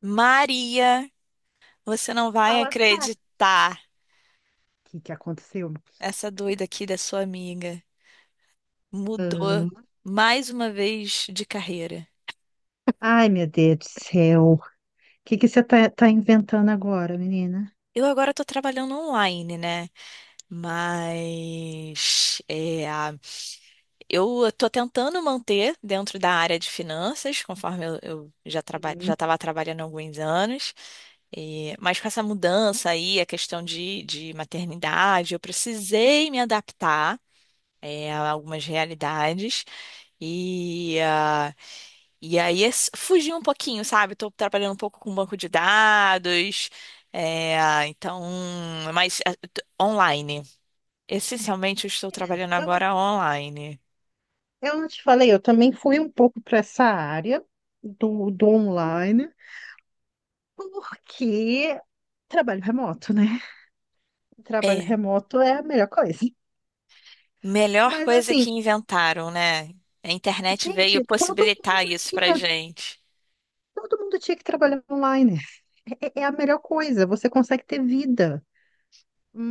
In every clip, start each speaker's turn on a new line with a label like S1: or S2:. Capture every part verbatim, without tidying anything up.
S1: Maria, você não vai
S2: Fala, Sara. O
S1: acreditar.
S2: que que aconteceu?
S1: Essa doida aqui da sua amiga mudou
S2: Hum.
S1: mais uma vez de carreira.
S2: Ai, meu Deus do céu. O que que você tá, tá inventando agora, menina?
S1: Eu agora tô trabalhando online, né? Mas é, eu tô tentando manter dentro da área de finanças, conforme eu, eu já traba, já
S2: Sim.
S1: estava trabalhando há alguns anos. E- mas com essa mudança aí, a questão de, de maternidade, eu precisei me adaptar é, a algumas realidades. E, ah, e aí é s- fugir um pouquinho, sabe? Estou trabalhando um pouco com banco de dados, é, então, mas ah, t- online. Essencialmente, eu estou
S2: Menina,
S1: trabalhando
S2: Eu,
S1: agora online.
S2: eu não te falei, eu também fui um pouco para essa área do, do online, porque trabalho remoto, né? Trabalho
S1: É,
S2: remoto é a melhor coisa.
S1: melhor
S2: Mas
S1: coisa
S2: assim,
S1: que inventaram, né? A internet veio
S2: gente, todo
S1: possibilitar
S2: mundo
S1: isso pra
S2: tinha,
S1: gente.
S2: todo mundo tinha que trabalhar online. É, é é a melhor coisa, você consegue ter vida.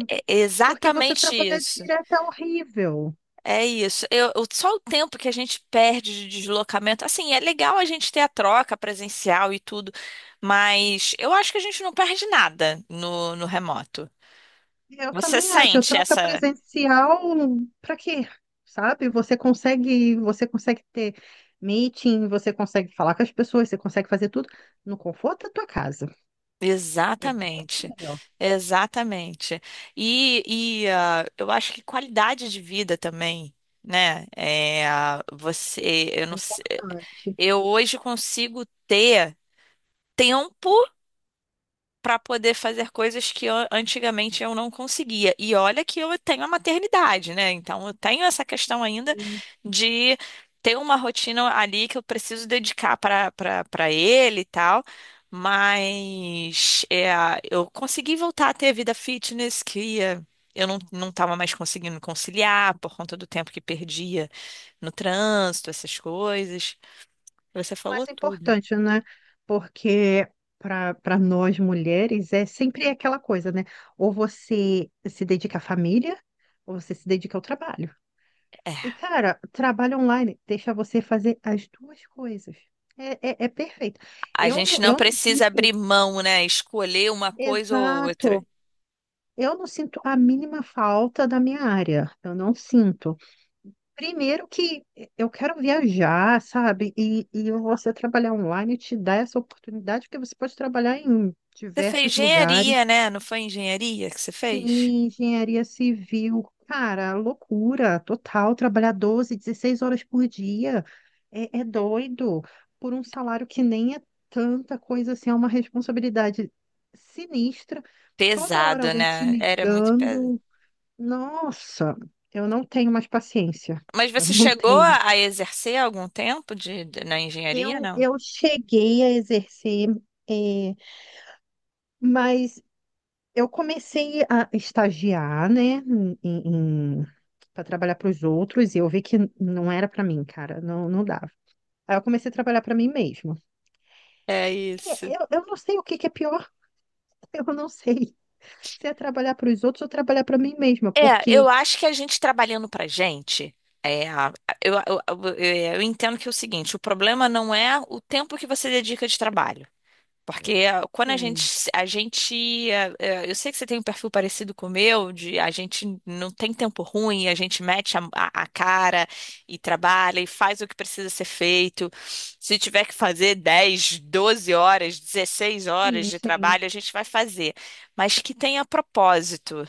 S1: É
S2: Porque você
S1: exatamente
S2: trabalha
S1: isso.
S2: direto é horrível.
S1: É isso. Eu, eu- só o tempo que a gente perde de deslocamento. Assim, é legal a gente ter a troca presencial e tudo, mas eu acho que a gente não perde nada no, no remoto.
S2: Eu
S1: Você
S2: também acho, eu
S1: sente
S2: troca
S1: essa.
S2: presencial para quê? Sabe? Você consegue, você consegue ter meeting, você consegue falar com as pessoas, você consegue fazer tudo no conforto da tua casa. É muito
S1: Exatamente.
S2: melhor,
S1: Exatamente. E, e ah, eu acho que qualidade de vida também, né? É, ah, você, eu
S2: mais
S1: não sei.
S2: importante.
S1: Eu hoje consigo ter tempo para poder fazer coisas que eu- antigamente eu não conseguia. E olha que eu tenho a maternidade, né? Então eu tenho essa questão ainda
S2: E
S1: de ter uma rotina ali que eu preciso dedicar para para para ele e tal. Mas é, eu consegui voltar a ter vida fitness que eh, eu não não estava mais conseguindo conciliar por conta do tempo que perdia no trânsito, essas coisas. Você falou
S2: mais
S1: tudo.
S2: importante, né? Porque para para nós mulheres é sempre aquela coisa, né? Ou você se dedica à família, ou você se dedica ao trabalho. E, cara, trabalho online deixa você fazer as duas coisas. É, é, é perfeito.
S1: A
S2: Eu,
S1: gente
S2: não-
S1: não
S2: eu não
S1: precisa
S2: sinto.
S1: abrir mão, né? Escolher uma coisa ou outra.
S2: Exato. Eu não sinto a mínima falta da minha área. Eu não sinto. Primeiro que eu quero viajar, sabe? E, e você trabalhar online te dá essa oportunidade, porque você pode trabalhar em
S1: Você fez
S2: diversos
S1: engenharia,
S2: lugares.
S1: né? Não foi engenharia que você fez?
S2: Sim, engenharia civil. Cara, loucura total. Trabalhar doze, dezesseis horas por dia é, é doido. Por um salário que nem é tanta coisa assim, é uma responsabilidade sinistra. Toda hora
S1: Pesado,
S2: alguém te
S1: né? Era muito pesado.
S2: ligando. Nossa, eu não tenho mais paciência.
S1: Mas
S2: Eu
S1: você
S2: não
S1: chegou
S2: tenho.
S1: a a exercer algum tempo de, de- na engenharia,
S2: Eu,
S1: não?
S2: eu cheguei a exercer, é, mas eu comecei a estagiar, né, em, para trabalhar para os outros e eu vi que não era para mim, cara, não, não dava. Aí eu comecei a trabalhar para mim mesma.
S1: É
S2: E
S1: isso.
S2: Eu, eu não sei o que que é pior, eu não sei se é trabalhar para os outros ou trabalhar para mim mesma,
S1: É,
S2: porque
S1: eu acho que a gente trabalhando pra gente, é, a- eu, eu, eu, eu entendo que é o seguinte, o problema não é o tempo que você dedica de trabalho. Porque ah, quando a gente,
S2: sim,
S1: a gente, ah, ah, eu sei que você tem um perfil parecido com o meu, de a gente não tem tempo ruim, a gente mete a, a- a cara e trabalha e faz o que precisa ser feito. Se tiver que fazer dez doze horas, dezesseis horas
S2: sim,
S1: de
S2: sim.
S1: trabalho, a gente vai fazer, mas que tenha propósito.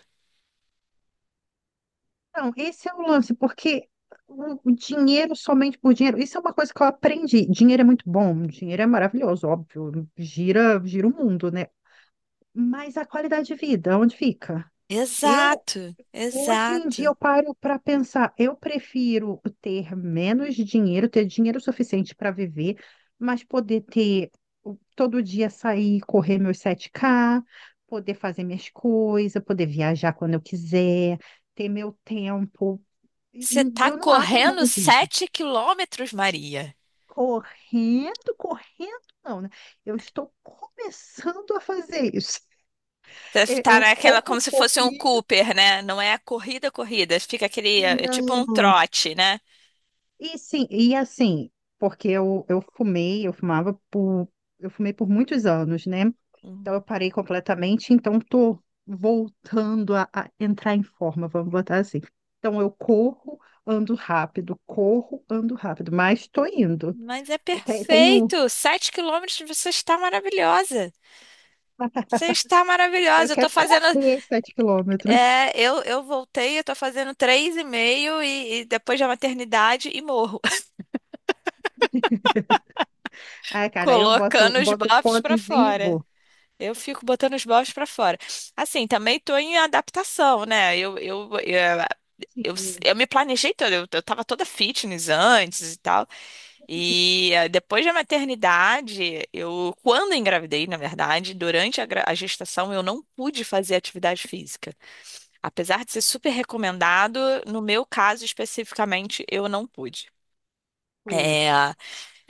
S2: Não, esse é o lance, porque o o dinheiro somente por dinheiro, isso é uma coisa que eu aprendi. Dinheiro é muito bom, dinheiro é maravilhoso, óbvio, gira, gira o mundo, né? Mas a qualidade de vida, onde fica? Eu,
S1: Exato,
S2: Hoje em dia
S1: exato.
S2: eu paro para pensar, eu prefiro ter menos dinheiro, ter dinheiro suficiente para viver, mas poder ter o- todo dia sair, correr meus sete ká, poder fazer minhas coisas, poder viajar quando eu quiser, ter meu tempo. E
S1: Você tá
S2: eu não abro mão
S1: correndo
S2: disso.
S1: sete quilômetros, Maria.
S2: Correndo, correndo não, né? Eu estou começando a fazer isso. Eu,
S1: Tá
S2: eu
S1: naquela
S2: corro um
S1: como se fosse um
S2: pouquinho.
S1: Cooper, né? Não é a corrida, corrida. Fica aquele, é tipo um
S2: Não.
S1: trote, né?
S2: E sim, e assim, porque eu, eu fumei, eu fumava por, eu fumei por muitos anos, né? Então eu
S1: Uhum.
S2: parei completamente, então tô voltando a, a entrar em forma, vamos botar assim. Então eu corro, ando rápido, corro, ando rápido, mas tô indo.
S1: Mas é
S2: Eu te- tenho,
S1: perfeito. Sete quilômetros, você está maravilhosa. Você está
S2: eu
S1: maravilhosa. Eu tô
S2: quero
S1: fazendo,
S2: correr sete quilômetros.
S1: é, eu, eu voltei, eu tô fazendo três e meio e, e depois da maternidade e morro,
S2: Ah, cara, eu boto,
S1: colocando os
S2: boto o
S1: bofs para
S2: fonezinho e
S1: fora.
S2: vou.
S1: Eu fico botando os bofs para fora. Assim, também tô em adaptação, né? Eu, eu, eu- Eu, s-
S2: Sim,
S1: eu me planejei toda, eu, eu tava toda fitness antes e tal. E eh, depois da maternidade, eu, quando engravidei, na verdade, durante a, gra- a gestação, eu não pude fazer atividade física. Apesar de ser super recomendado, no meu caso especificamente, eu não pude. É,
S2: putz.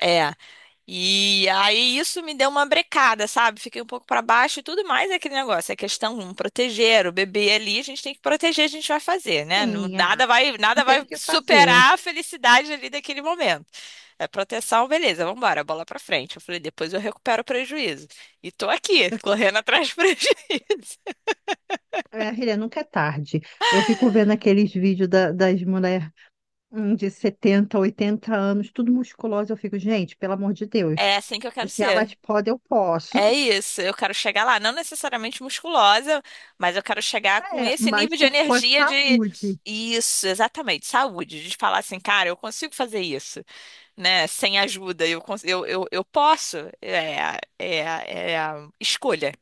S1: é, e aí isso me deu uma brecada, sabe? Fiquei um pouco para baixo e tudo mais é aquele negócio. É questão um, proteger o bebê ali, a gente tem que proteger, a gente vai fazer, né? Não-
S2: Sim,
S1: Nada
S2: ah,
S1: vai,
S2: não
S1: nada
S2: tenho
S1: vai
S2: o que fazer.
S1: superar a felicidade ali daquele momento. É proteção, beleza, vamos embora, bola para frente. Eu falei, depois eu recupero o prejuízo. E tô aqui, correndo atrás do prejuízo.
S2: É, filha, nunca é tarde. Eu fico vendo aqueles vídeos da- das mulheres de setenta, oitenta anos, tudo musculosa. Eu fico, gente, pelo amor de Deus,
S1: É assim que eu quero
S2: se
S1: ser.
S2: elas podem, eu posso.
S1: É isso, eu quero chegar lá, não necessariamente musculosa, mas eu quero chegar com
S2: É,
S1: esse
S2: mas
S1: nível de
S2: com, com a
S1: energia de
S2: saúde.
S1: isso, exatamente, saúde, de falar assim, cara, eu consigo fazer isso, né? Sem ajuda, eu cons- eu, eu, eu posso, é, é, é a escolha,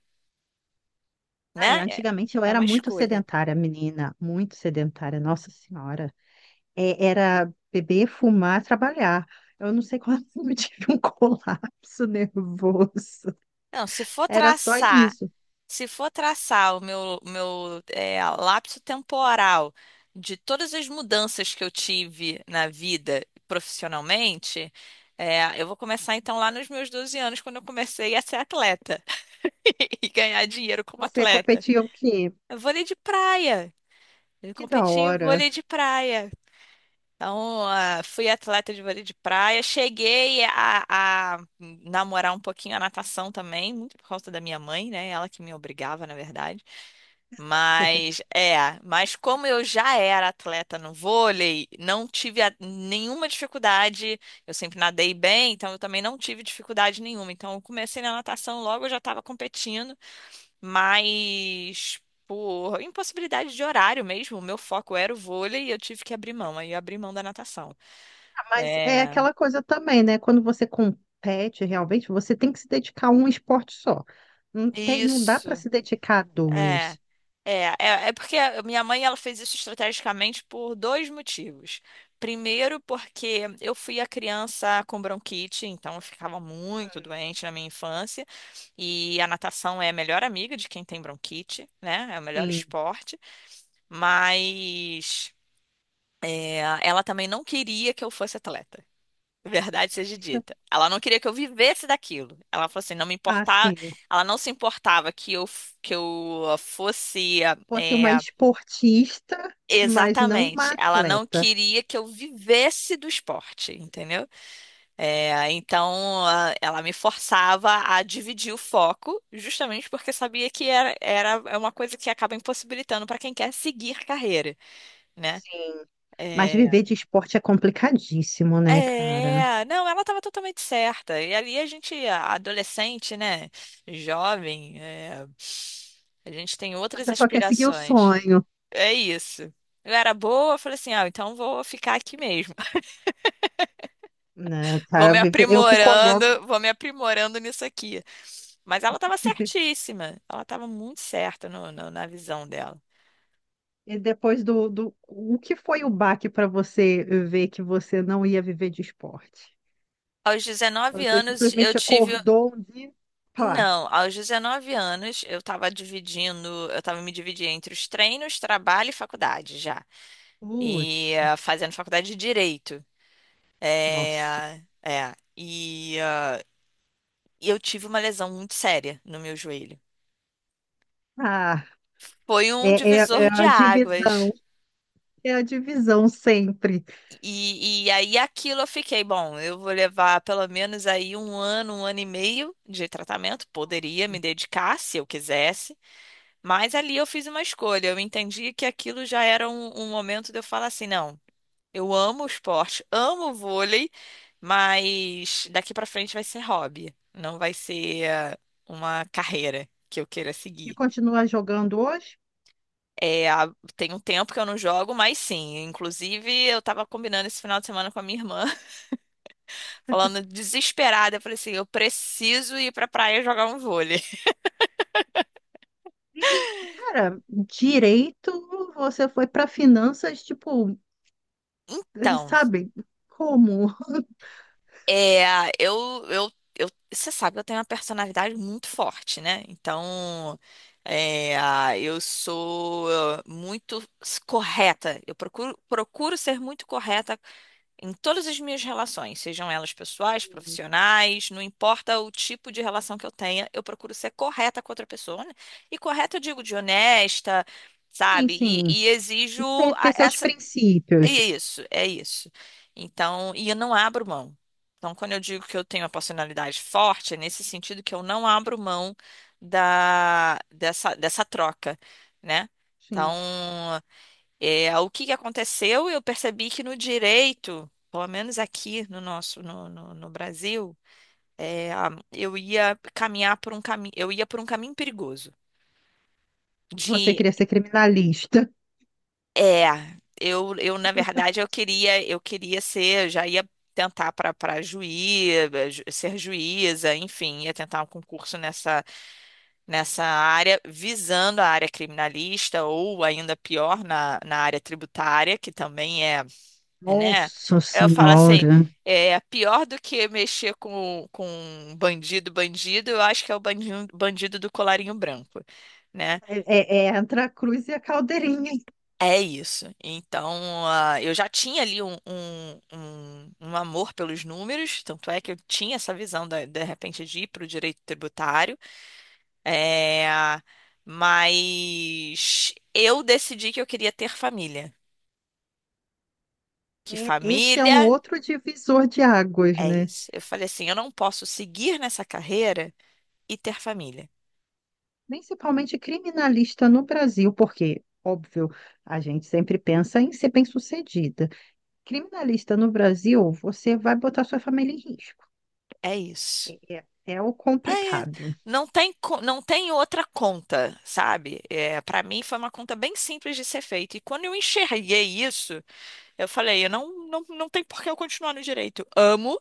S2: Ai,
S1: né? É
S2: antigamente eu
S1: é
S2: era
S1: uma
S2: muito
S1: escolha.
S2: sedentária, menina, muito sedentária, Nossa Senhora. É, era beber, fumar, trabalhar. Eu não sei quando eu tive um colapso nervoso.
S1: Não, se for
S2: Era só
S1: traçar.
S2: isso.
S1: Se for traçar o meu, meu eh, lapso temporal de todas as mudanças que eu tive na vida profissionalmente, eh, eu vou começar então lá nos meus doze anos, quando eu comecei a ser atleta e ganhar dinheiro como
S2: Você
S1: atleta.
S2: competia o quê?
S1: É vôlei de praia. Eu
S2: Que da
S1: competi em
S2: hora.
S1: vôlei de praia. Então, ah, fui atleta de vôlei de praia. Cheguei a, a namorar um pouquinho a natação também, muito por causa da minha mãe, né? Ela que me obrigava, na verdade. Mas é, mas como eu já era atleta no vôlei, não tive a- nenhuma dificuldade. Eu sempre nadei bem, então eu também não tive dificuldade nenhuma. Então eu comecei na natação logo, eu já estava competindo, mas por impossibilidade de horário mesmo, o meu foco era o vôlei e eu tive que abrir mão. Aí eu abri mão da natação.
S2: Mas é
S1: É.
S2: aquela coisa também, né? Quando você compete realmente, você tem que se dedicar a um esporte só. Não tem, não dá para
S1: Isso.
S2: se dedicar a
S1: É,
S2: dois.
S1: é, é, é porque a minha mãe ela fez isso estrategicamente por dois motivos. Primeiro, porque eu fui a criança com bronquite, então eu ficava muito doente na minha infância, e a natação é a melhor amiga de quem tem bronquite, né? É o melhor
S2: Sim.
S1: esporte, mas é, ela também não queria que eu fosse atleta. Verdade seja dita. Ela não queria que eu vivesse daquilo. Ela falou assim, não me importava,
S2: Assim,
S1: ela não se importava que eu, f- que eu fosse,
S2: fosse uma
S1: é,
S2: esportista, mas não uma
S1: exatamente. Ela não
S2: atleta.
S1: queria que eu vivesse do esporte, entendeu? É, então, a- ela me forçava a dividir o foco, justamente porque sabia que era, era é uma coisa que acaba impossibilitando para quem quer seguir carreira, né?
S2: Sim. Mas
S1: Eh,
S2: viver de esporte é complicadíssimo, né, cara?
S1: É, não, ela estava totalmente certa. E ali a gente, a- adolescente, né? Jovem, é, a gente tem outras
S2: Você só quer seguir o
S1: aspirações.
S2: sonho,
S1: É isso. Eu era boa, eu falei assim, ah, então vou ficar aqui mesmo.
S2: né,
S1: Vou
S2: cara?
S1: me
S2: Viver- Eu fico olhando.
S1: aprimorando, vou me aprimorando nisso aqui. Mas ela estava certíssima. Ela estava muito certa no- no- na visão dela.
S2: E depois do, do... O que foi o baque para você ver que você não ia viver de esporte?
S1: Aos dezenove
S2: Você
S1: anos, eu
S2: simplesmente
S1: tive.
S2: acordou um dia e pá,
S1: Não, aos dezenove anos eu estava dividindo, eu estava me dividindo entre os treinos, trabalho e faculdade já. E
S2: putz,
S1: eh, fazendo faculdade de direito.
S2: nossa.
S1: É, é, e eh, e eu tive uma lesão muito séria no meu joelho.
S2: Ah,
S1: Foi um
S2: é, é, é
S1: divisor de
S2: a divisão,
S1: águas.
S2: é a divisão sempre.
S1: E, e aí aquilo eu fiquei, bom, eu vou levar pelo menos aí um ano, um ano e meio de tratamento, poderia me dedicar se eu quisesse. Mas ali eu fiz uma escolha. Eu entendi que aquilo já era um, um momento de eu falar assim: não, eu amo o esporte, amo o vôlei, mas daqui pra frente vai ser hobby, não vai ser eh, uma carreira que eu queira
S2: E
S1: seguir.
S2: continua jogando hoje?
S1: É, há- tem um tempo que eu não jogo, mas sim. Inclusive, eu tava combinando esse final de semana com a minha irmã, falando desesperada. Eu falei assim: eu preciso ir pra praia jogar um vôlei.
S2: E, e, cara, direito, você foi para finanças, tipo,
S1: Então.
S2: sabe, como?
S1: É, eu, eu, eu, você sabe, eu tenho uma personalidade muito forte, né? Então, é, eu sou ah, muito correta. Eu procuro, procuro ser muito correta em todas as minhas relações, sejam elas pessoais, profissionais, não importa o tipo de relação que eu tenha, eu procuro ser correta com outra pessoa, né? E correta, eu digo, de honesta,
S2: Sim,
S1: sabe? E,
S2: sim,
S1: e exijo
S2: você ter seus
S1: é
S2: princípios.
S1: isso, é isso. Então, e eu não abro mão. Então, quando eu digo que eu tenho uma personalidade forte, é nesse sentido que eu não abro mão da, dessa, dessa troca, né? Então,
S2: Sim,
S1: é, o que que aconteceu? Eu percebi que no direito, pelo menos aqui no nosso, no, no, no Brasil, é, a- eu ia caminhar por um caminho, eu ia por um caminho perigoso
S2: você
S1: de.
S2: queria ser criminalista.
S1: É, eu, eu na verdade eu queria Eu queria ser, eu já ia tentar para para juiz, ser juíza, enfim, ia tentar um concurso nessa nessa área, visando a área criminalista ou ainda pior na, na área tributária, que também é, né?
S2: Nossa
S1: Eu falo assim,
S2: Senhora.
S1: é pior do que mexer com com um bandido, bandido, eu acho que é o bandido, bandido do colarinho branco, né?
S2: É, é- é entre a cruz e a caldeirinha.
S1: É isso. Então, ah, eu já tinha ali um, um, um- um amor pelos números, tanto é que eu tinha essa visão da- de repente de ir para o direito tributário. É, mas eu decidi que eu queria ter família. Que
S2: É, esse é um
S1: família
S2: outro divisor de águas,
S1: é
S2: né?
S1: isso. Eu falei assim: eu não posso seguir nessa carreira e ter família.
S2: Principalmente criminalista no Brasil, porque, óbvio, a gente sempre pensa em ser bem-sucedida. Criminalista no Brasil, você vai botar sua família em risco.
S1: É isso.
S2: É, é- é o
S1: É,
S2: complicado.
S1: não tem, co- não tem outra conta, sabe? É, para mim foi uma conta bem simples de ser feita. E quando eu enxerguei isso, eu falei, eu não, não, não tem por que eu continuar no direito. Amo,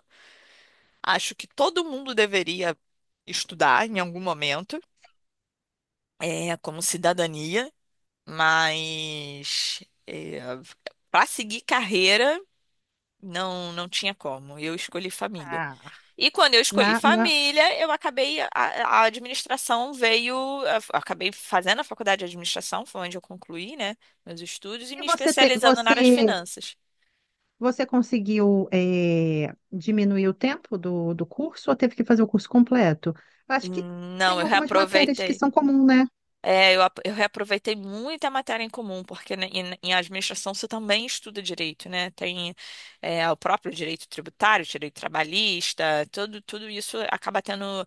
S1: acho que todo mundo deveria estudar em algum momento, é, como cidadania, mas é, para seguir carreira, não, não tinha como. Eu escolhi família.
S2: Ah,
S1: E quando eu escolhi
S2: na, na...
S1: família, eu acabei, a, a administração veio, eu acabei fazendo a faculdade de administração, foi onde eu concluí, né, meus estudos, e
S2: E
S1: me
S2: você, te-
S1: especializando na área de
S2: você,
S1: finanças.
S2: você conseguiu é, diminuir o tempo do, do curso ou teve que fazer o curso completo? Acho que
S1: Não,
S2: tem
S1: eu
S2: algumas matérias que
S1: reaproveitei.
S2: são comuns, né?
S1: É, eu, ap- eu reaproveitei muita matéria em comum, porque né, em, em administração você também estuda direito, né? Tem é, o próprio direito tributário, direito trabalhista, tudo, tudo isso acaba tendo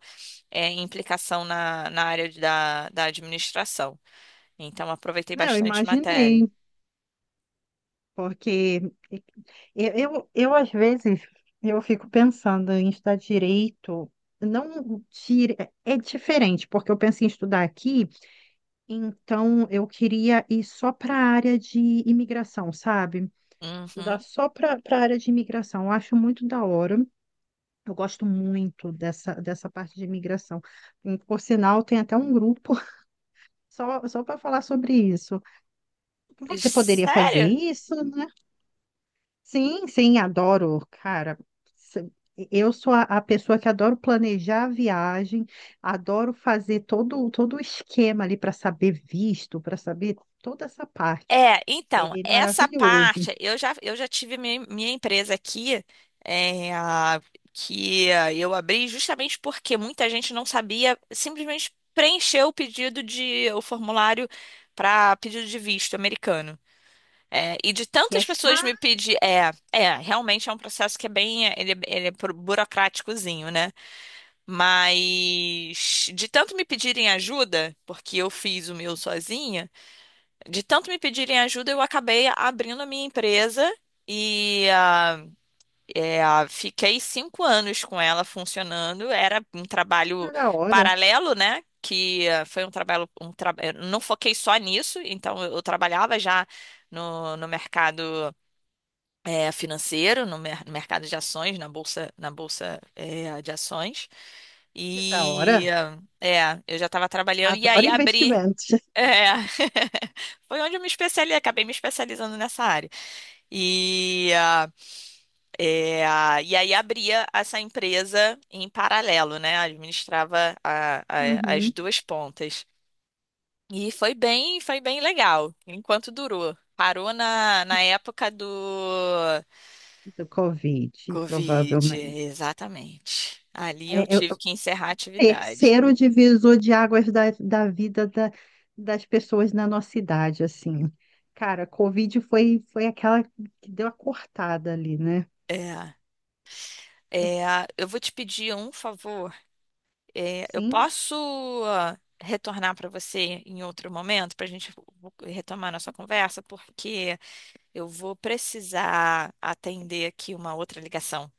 S1: é, implicação na, na área de- da, da administração. Então aproveitei
S2: Não, eu
S1: bastante matéria.
S2: imaginei. Porque eu, eu, eu, às vezes, eu fico pensando em estudar direito, não dire... é diferente, porque eu pensei em estudar aqui, então eu queria ir só para a área de imigração, sabe?
S1: Uhum.
S2: Estudar só para a área de imigração. Eu acho muito da hora. Eu gosto muito dessa, dessa parte de imigração. E, por sinal, tem até um grupo só, só para falar sobre isso. Você poderia fazer
S1: Sério?
S2: isso? Né? Sim, sim, adoro, cara. Se- Eu sou a, a pessoa que adoro planejar a viagem, adoro fazer todo, todo o esquema ali para saber visto, para saber toda essa parte.
S1: É, então,
S2: É, é
S1: essa
S2: maravilhoso.
S1: parte, eu já, eu já tive minha, minha empresa aqui, é, a- que ah, eu abri justamente porque muita gente não sabia, simplesmente preencher o pedido de, o formulário para pedido de visto americano. É, e de
S2: E
S1: tantas
S2: é
S1: pessoas me
S2: chato
S1: pedir, é, é, realmente é um processo que é bem, ele, é, ele é pro- burocráticozinho, né? Mas de tanto me pedirem ajuda, porque eu fiz o meu sozinha, de tanto me pedirem ajuda, eu acabei abrindo a minha empresa e ah, é, ah, fiquei cinco anos com ela funcionando. Era um trabalho
S2: da hora,
S1: paralelo, né? Que ah, foi um trabalho, um tra... eu não foquei só nisso, então eu eu trabalhava já no, no mercado é, financeiro, no mer- mercado de ações, na bolsa, na bolsa é, de ações.
S2: que da
S1: E
S2: hora.
S1: é, eu já estava trabalhando e aí
S2: Adoro
S1: abri.
S2: investimentos.
S1: É, foi onde eu me especializei, acabei me especializando nessa área. E, ah, é, ah, e aí abria essa empresa em paralelo, né? Administrava a- a- as
S2: Uhum,
S1: duas pontas. E foi bem, foi bem legal, enquanto durou. Parou na, na época do
S2: do Covid,
S1: Covid,
S2: provavelmente.
S1: exatamente. Ali eu
S2: É,
S1: tive que encerrar a atividade.
S2: terceiro divisor de águas da, da vida da- das pessoas na nossa idade, assim. Cara, Covid foi, foi aquela que deu a cortada ali, né?
S1: É, é, eu vou te pedir um favor. É, eu
S2: Sim?
S1: posso ah, retornar para você em outro momento para a gente retomar nossa conversa, porque eu vou precisar atender aqui uma outra ligação.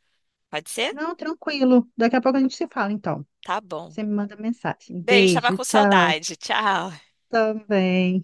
S1: Pode ser?
S2: Não, tranquilo. Daqui a pouco a gente se fala, então.
S1: Tá bom.
S2: Você me manda mensagem.
S1: Beijo, estava
S2: Beijo,
S1: com
S2: tchau.
S1: saudade. Tchau.
S2: Também.